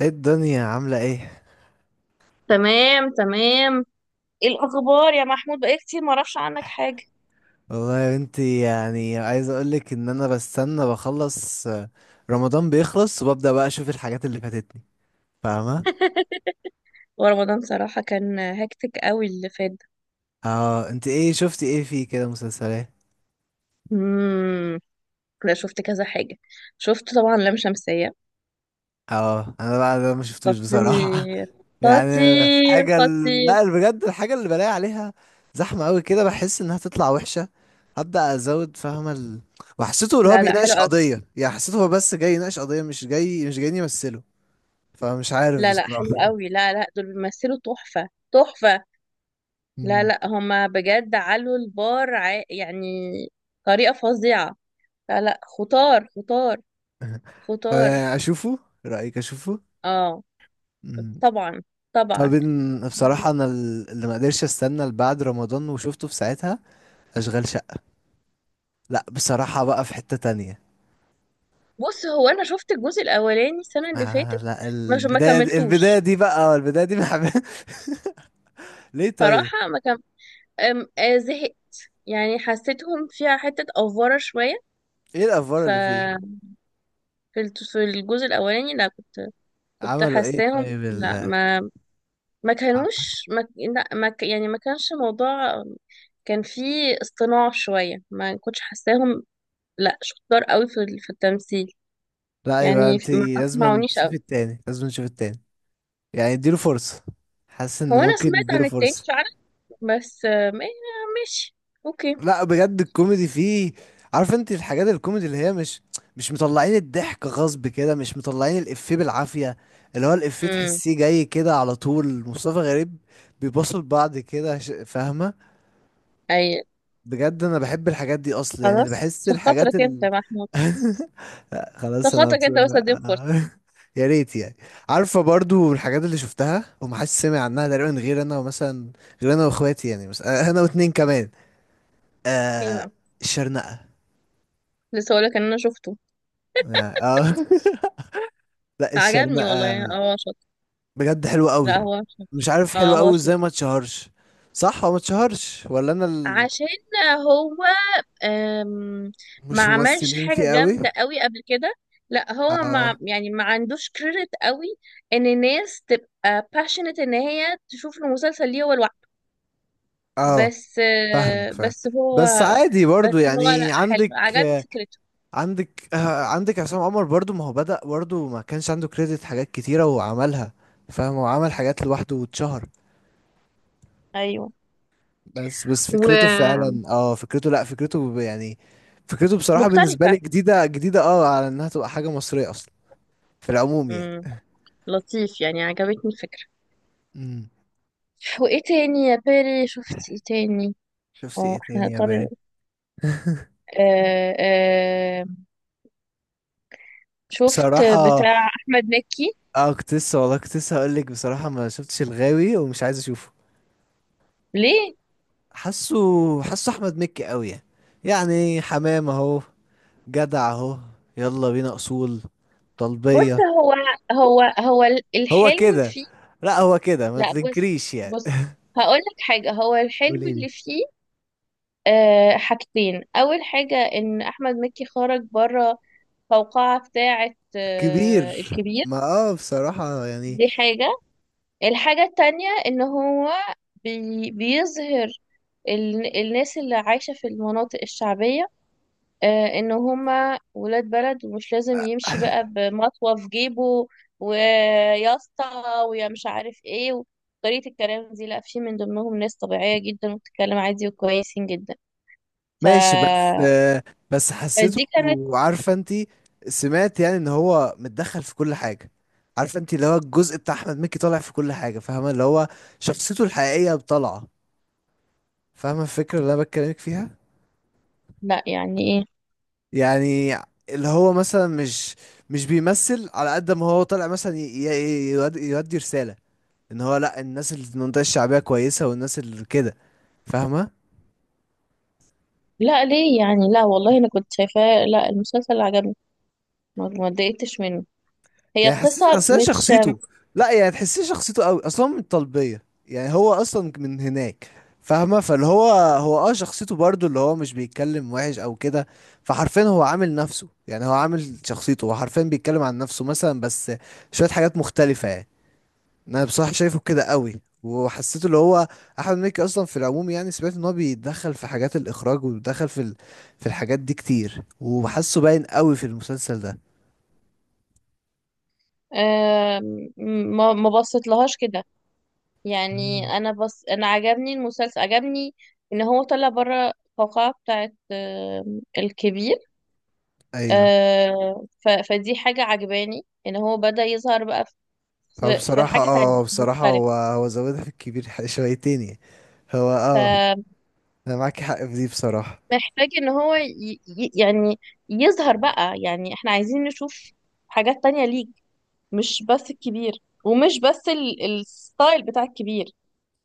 ايه الدنيا عاملة ايه؟ تمام تمام. ايه الاخبار يا محمود؟ بقالي كتير ما اعرفش عنك حاجه. والله يا بنتي، يعني عايز اقولك ان انا بستنى بخلص رمضان بيخلص وببدأ بقى اشوف الحاجات اللي فاتتني. فاهمة؟ ورمضان صراحه كان هكتك قوي اللي فات ده. اه انت ايه شفتي؟ ايه فيه كده مسلسلات؟ امم لا، شفت كذا حاجه. شفت طبعا لام شمسيه. اه انا بقى ده ما شفتوش بصراحة. خطير، يعني خطير، خطير. لا، بجد الحاجة اللي بلاقي عليها زحمة قوي كده بحس انها تطلع وحشة. هبدأ ازود، فاهمة وحسيته اللي هو لا لا، حلو بيناقش قوي. قضية، يعني حسيته هو بس جاي يناقش قضية، مش جايين يمثله. فمش عارف لا لا، بصراحة. حلو قوي. لا لا، دول بيمثلوا تحفه، تحفه. لا لا، هما بجد علوا البار يعني. طريقه فظيعه. لا لا، خطار، خطار، خطار. فاشوفه رايك اشوفه؟ اه، مم. طبعا، طب طبعا. بصراحه انا اللي ما قدرش استنى لبعد رمضان وشفته في ساعتها اشغال شقه. لا بصراحه بقى في حته تانية. بص، هو انا شفت الجزء الاولاني السنه اللي فاتت. لا، مش ما البدايه دي البدايه كملتوش. دي بقى، البدايه دي بحب. ليه طيب؟ صراحه، ما كم... أم... آه، زهقت. يعني حسيتهم فيها حته افوره شويه. ايه الافوار ف اللي فيه؟ في الجزء الاولاني، لا كنت. كنت عملوا ايه حاساهم، طيب لا، ما ما كانوش، ما... لا ما... ك- يعني ما كانش موضوع. كان فيه اصطناع شويه، ما كنتش حاساهم. لا، شطار قوي في التمثيل. لا، يبقى يعني انت ما لازم اقنعونيش تشوفي قوي. التاني، لازم تشوفي التاني. يعني اديله فرصه، حاسس هو ان انا ممكن سمعت نديله عن التاني فرصه. فعلا. بس ماشي. اوكي. لا بجد الكوميدي فيه، عارف انت الحاجات الكوميدي اللي هي مش مطلعين الضحك غصب كده، مش مطلعين الإفيه بالعافية. اللي هو الإفيه امم تحسيه جاي كده على طول، مصطفى غريب بيبصوا لبعض كده، فاهمة؟ اي. بجد انا بحب الحاجات دي اصلا، يعني خلاص، بحس في الحاجات خاطرك انت ال يا محمود. لا في خلاص، انا خاطرك انت بس، اديم فرصة. يا ريت يعني. عارفة برضو الحاجات اللي شفتها ومحدش سمع عنها تقريبا غير انا، ومثلا غير انا واخواتي، يعني بس انا واتنين كمان. ايه آه بقى؟ الشرنقة. لسه هقولك ان انا شفته. يعني لا، عجبني والله، يعني الشرنقة هو شاطر. بجد حلوة قوي، لا، هو شاطر. مش عارف اه، حلوة هو قوي ازاي شاطر. ما اتشهرش. صح، هو ما اتشهرش ولا انا. عشان هو أم... ما مش عملش ممثلين حاجة فيه قوي. جامدة قوي قبل كده. لا، هو ما اه، يعني، ما عندوش كريدت قوي. ان الناس تبقى passionate ان هي تشوف المسلسل ليه هو لوحده. اه، بس فاهمك آه، فاهم. بس هو، بس عادي برضو، بس هو، لا، يعني حلو، عندك عجبني آه، فكرته. عندك آه، عندك عصام عمر، برضو ما هو بدأ، برضو ما كانش عنده كريدت حاجات كتيرة وعملها. فاهم، هو عمل حاجات لوحده واتشهر. ايوه. بس فكرته ومختلفة. فعلا، اه فكرته، لا فكرته يعني فكرته بصراحة بالنسبة لي جديدة جديدة على انها تبقى حاجة مصرية اصلا، في العموم يعني. امم لطيف، يعني عجبتني الفكرة. امم. وايه تاني يا بيري؟ شفت ايه تاني؟ شفت ايه اه، احنا تاني يا هنضطر. باري؟ آه آه شفت بصراحة بتاع احمد مكي. اه كنت لسه، والله كنت لسه هقول لك بصراحة ما شفتش الغاوي ومش عايز اشوفه. ليه؟ حاسه حاسه احمد مكي قوي يعني، يعني حمام اهو، جدع اهو، يلا بينا اصول، بص، طلبية. هو هو الحلو كده، فيه. لا هو كده ما لا، بص. تنكريش يعني. بص، هقول لك حاجة. هو الحلو قوليلي. اللي فيه، حاجتين. أول حاجة إن أحمد مكي خرج بره القوقعة بتاعة كبير؟ الكبير. ما اه بصراحة يعني. دي حاجة. الحاجة التانية ان هو بيظهر الناس اللي عايشة في المناطق الشعبية، ان هما ولاد بلد، ومش لازم يمشي بقى بمطوة في جيبه، وياسطة، ويا مش عارف ايه، وطريقة الكلام دي. لا، في من ضمنهم ناس طبيعية جدا، وبتتكلم عادي، وكويسين جدا. ف... ماشي، بس بس حسيته، فدي كانت. عارفة انتي، سمعت يعني ان هو متدخل في كل حاجة. عارفة انتي اللي هو الجزء بتاع احمد مكي طالع في كل حاجة، فاهمة؟ اللي هو شخصيته الحقيقية طالعة، فاهمة الفكرة اللي انا بتكلمك فيها؟ لا، يعني ايه؟ يعني اللي هو مثلا مش بيمثل على قد ما هو طالع، مثلا يودي رسالة ان هو لا، الناس اللي في المنطقة الشعبية كويسة، والناس اللي كده، فاهمة؟ لا، ليه يعني؟ لا والله، انا كنت شايفاه. لا، المسلسل عجبني. ما اتضايقتش منه. هي يعني حسيت القصة اصل هي مش. شخصيته، لا يعني تحسيه شخصيته قوي اصلا من الطلبيه، يعني هو اصلا من هناك. فاهمه؟ فاللي هو شخصيته برضو اللي هو مش بيتكلم وحش او كده. فحرفيا هو عامل نفسه، يعني هو عامل شخصيته، هو حرفيا بيتكلم عن نفسه مثلا، بس شويه حاجات مختلفه يعني. انا بصراحه شايفه كده قوي، وحسيته اللي هو احمد مكي اصلا في العموم يعني. سمعت ان هو بيتدخل في حاجات الاخراج وبيتدخل في في الحاجات دي كتير، وحاسه باين قوي في المسلسل ده. آم، ما بصيت لهاش كده. يعني مم. انا، بس انا، عجبني المسلسل، عجبني. ان هو طلع بره القوقعة بتاعت الكبير. ايوه. فدي حاجة عجباني ان هو بدأ يظهر بقى. هو في بصراحة، حاجة تانية بصراحة مختلفة. هو زودها في الكبير شويتين يعني. هو انا معاك حق في دي بصراحة. فمحتاج ان هو يعني يظهر بقى. يعني احنا عايزين نشوف حاجات تانية ليك، مش بس الكبير، ومش بس الستايل بتاع الكبير.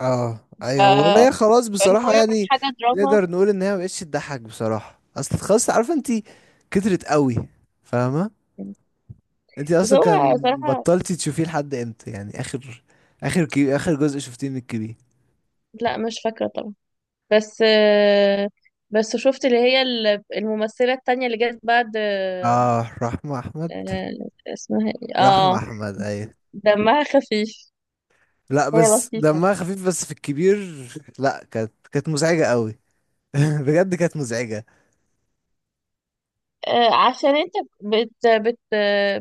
اه، ف... ايوه، ولا هي خلاص فان هو بصراحة يعمل يعني. حاجة دراما. نقدر نقول ان هي مبقتش تضحك بصراحة، اصل خلاص، عارفة انتي، كترت قوي، فاهمة؟ انتي بس اصلا هو كان صراحة. بطلتي تشوفيه لحد امتى؟ يعني اخر، اخر اخر جزء شفتيه من الكبير. لا، مش فاكرة طبعا. بس آه، بس شفت اللي هي الممثلة التانية اللي جت بعد اه، رحمة احمد. آه، اسمها ايه، رحمة احمد، ايوه. دمها خفيف. لا هي بس لطيفة. دمها خفيف بس في الكبير. لا، كانت مزعجة قوي، بجد كانت مزعجة. عشان انت بت بت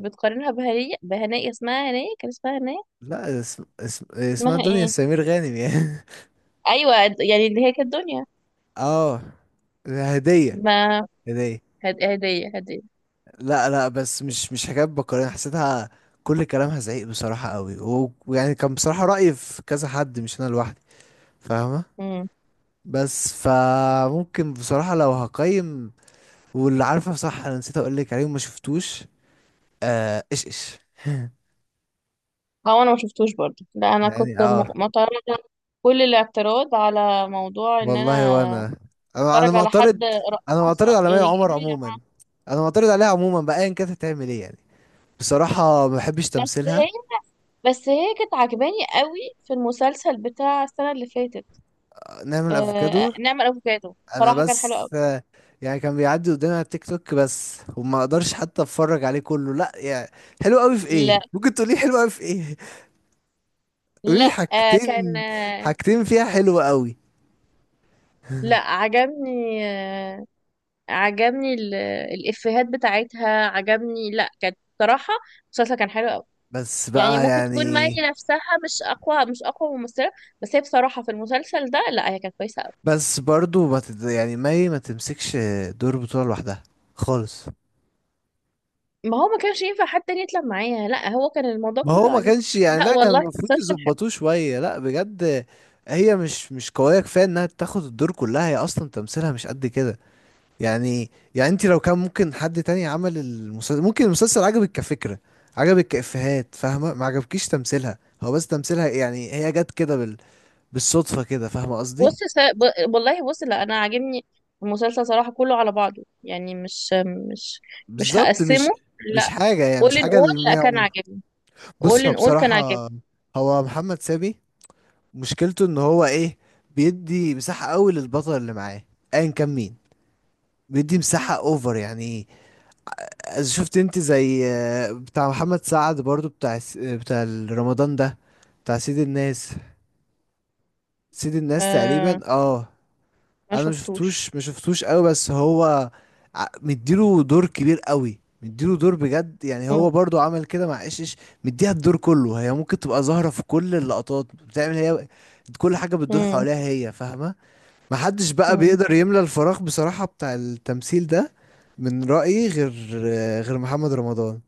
بتقارنها بهنية، بهنية اسمها هنية، كان اسمها هنية. لا، اسمها اسمها دنيا ايه؟ سمير غانم يعني. ايوه. يعني اللي هي كانت دنيا. اه، هدية، ما هدية. هدية، هدية. لا، لا، بس مش حكاية بكرة حسيتها. كل كلامها زعيق بصراحة قوي، ويعني كان بصراحة رأيي في كذا حد، مش أنا لوحدي، فاهمة؟ امم بس فممكن بصراحة لو هقيم. واللي عارفة صح، أنا نسيت أقول لك عليه وما شفتوش. إيش إيش. هو انا ما شفتوش برضه. لا، انا يعني كنت معترضة كل الاعتراض على موضوع ان انا والله وانا، انا اتفرج على معترض. حد انا معترض رقاصة. على مي يعني عمر ايه يا عموما، جماعة؟ انا معترض عليها عموما بقى، ايا كانت هتعمل ايه يعني. بصراحه ما بحبش بس هي تمثيلها. بس هي كانت عجباني قوي في المسلسل بتاع السنة اللي فاتت. نعمل افوكادو؟ نعمة الأفوكادو انا صراحة كان حلو بس قوي. يعني كان بيعدي قدامي على التيك توك بس، وما اقدرش حتى اتفرج عليه كله، لا يعني. حلو قوي في لا ايه؟ ممكن تقولي حلو قوي في ايه؟ قولي لي لا، كان، حاجتين، حاجتين فيها حلو قوي. لا، عجبني، عجبني الإفيهات بتاعتها. عجبني، لا كانت صراحة، المسلسل كان حلو قوي. بس يعني بقى ممكن تكون يعني. مي نفسها مش أقوى ممثلة. بس هي بصراحة في المسلسل ده، لا، هي كانت كويسة قوي. بس برضو ما تد... يعني مي ما تمسكش دور بطولة لوحدها خالص. ما هو ما كانش ينفع حد تاني يطلع معايا، لا، هو كان الموضوع ما هو كله ما عليه. كانش يعني، لا لا كان والله، المفروض مسلسل حلو. يظبطوه شوية، لا بجد. هي مش قوية كفاية انها تاخد الدور كلها، هي اصلا تمثيلها مش قد كده. يعني انت لو كان ممكن حد تاني عمل المسلسل، ممكن المسلسل عجبك كفكرة، عجبك كإفيهات، فاهمة؟ ما عجبكيش تمثيلها، هو بس تمثيلها يعني، هي جت كده بالصدفة كده، فاهمة قصدي؟ بص س... ب... والله بص، لا انا عاجبني المسلسل صراحة كله على بعضه. يعني مش مش بالظبط، مش هقسمه. لا، مش حاجة، يعني مش اول ان حاجة اول، اللي ما لا كان يعمر. عاجبني. اول بص، هو ان اول كان عاجبني. بصراحة، هو محمد سامي مشكلته ان هو ايه؟ بيدي مساحة قوي للبطل اللي معاه، ايا كان مين، بيدي مساحة اوفر يعني. إذا شفت انت زي بتاع محمد سعد برضو، بتاع بتاع رمضان ده، بتاع سيد الناس. سيد الناس آه تقريبا ما انا شفتوش. مشفتوش قوي، بس هو مديله دور كبير قوي، مديله دور بجد يعني. مم. هو برضو عمل كده مع ايش ايش، مديها الدور كله هي، ممكن تبقى ظاهرة في كل اللقطات، بتعمل هي كل حاجة، بتدور مم. حواليها هي، فاهمة؟ محدش بقى مم. بيقدر يملى الفراغ بصراحة بتاع التمثيل ده. من رأيي، غير محمد رمضان.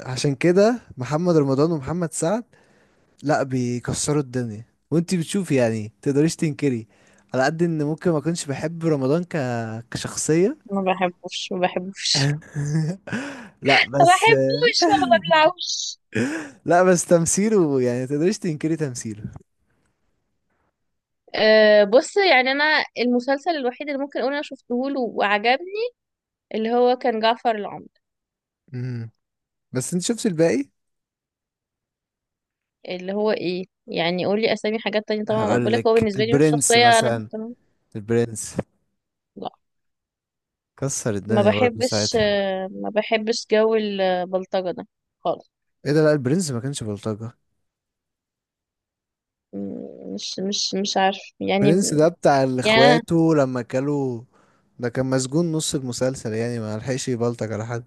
عشان كده محمد رمضان ومحمد سعد لا بيكسروا الدنيا، وانتي بتشوفي يعني تقدريش تنكري. على قد ان ممكن ما كنتش بحب رمضان كشخصية، ما بحبوش، ما بحبوش. لا ما بس بحبوش، ما ببلعوش. لا بس تمثيله يعني تقدريش تنكري تمثيله. بص، يعني انا المسلسل الوحيد اللي ممكن اقول انا شفته له وعجبني اللي هو كان جعفر العمدة. امم. بس انت شفت الباقي. اللي هو ايه يعني؟ قولي اسامي حاجات تانية طبعا. ما بقولك، هو هقولك بالنسبة لي مش البرنس شخصية انا مثلا، مهتمة. البرنس لا، كسر ما الدنيا برضه بحبش، ساعتها. ما بحبش جو البلطجة ده خالص. ايه ده، لا البرنس ما كانش بلطجة. مش عارف يعني برنس ده بتاع اللي يعني انا، اخواته لما كلوا، ده كان مسجون نص المسلسل يعني، ما لحقش يبلطج على حد.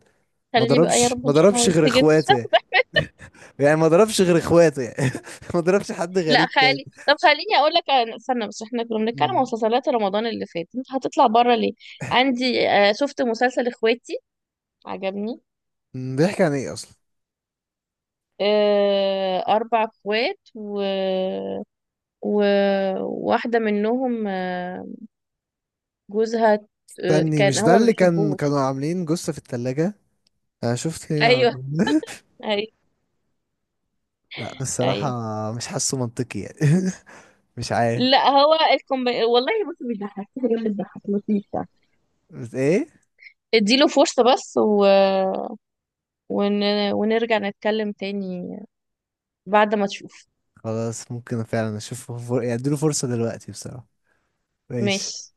ما خليه بقى يا ضربش رب، ما ان شاء الله ضربش غير يتسجن. اخواته يعني، يعني ما ضربش غير اخواته يعني ما ضربش حد لا غريب تاني. خالي، طب خليني اقول لك، استنى بس، احنا كنا بنتكلم عن مم. مسلسلات رمضان اللي فات. انت هتطلع بره ليه؟ عندي، شفت مسلسل اخواتي، عجبني. بيحكي عن ايه اصلا؟ اربع اخوات، وواحدة منهم، جوزها، استني، كان مش ده هما ما اللي كان بيحبوش. كانوا عاملين جثة في التلاجة؟ انا شفت ايه على ايوه، ايوه، لا الصراحة ايوه. مش حاسه منطقي يعني، مش عارف. لا، هو الكومب والله، بص، مش ضحك، في حاجة بتضحك لطيفة. بس ايه؟ اديله فرصة بس، ون... ونرجع نتكلم تاني بعد ما تشوف. خلاص ممكن فعلا اشوفه يعني اديله فرصة دلوقتي بصراحة. ماشي. ماشي.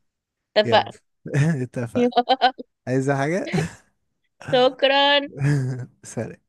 يلا، اتفقنا. اتفقنا. عايزة حاجة؟ شكرا. سلام.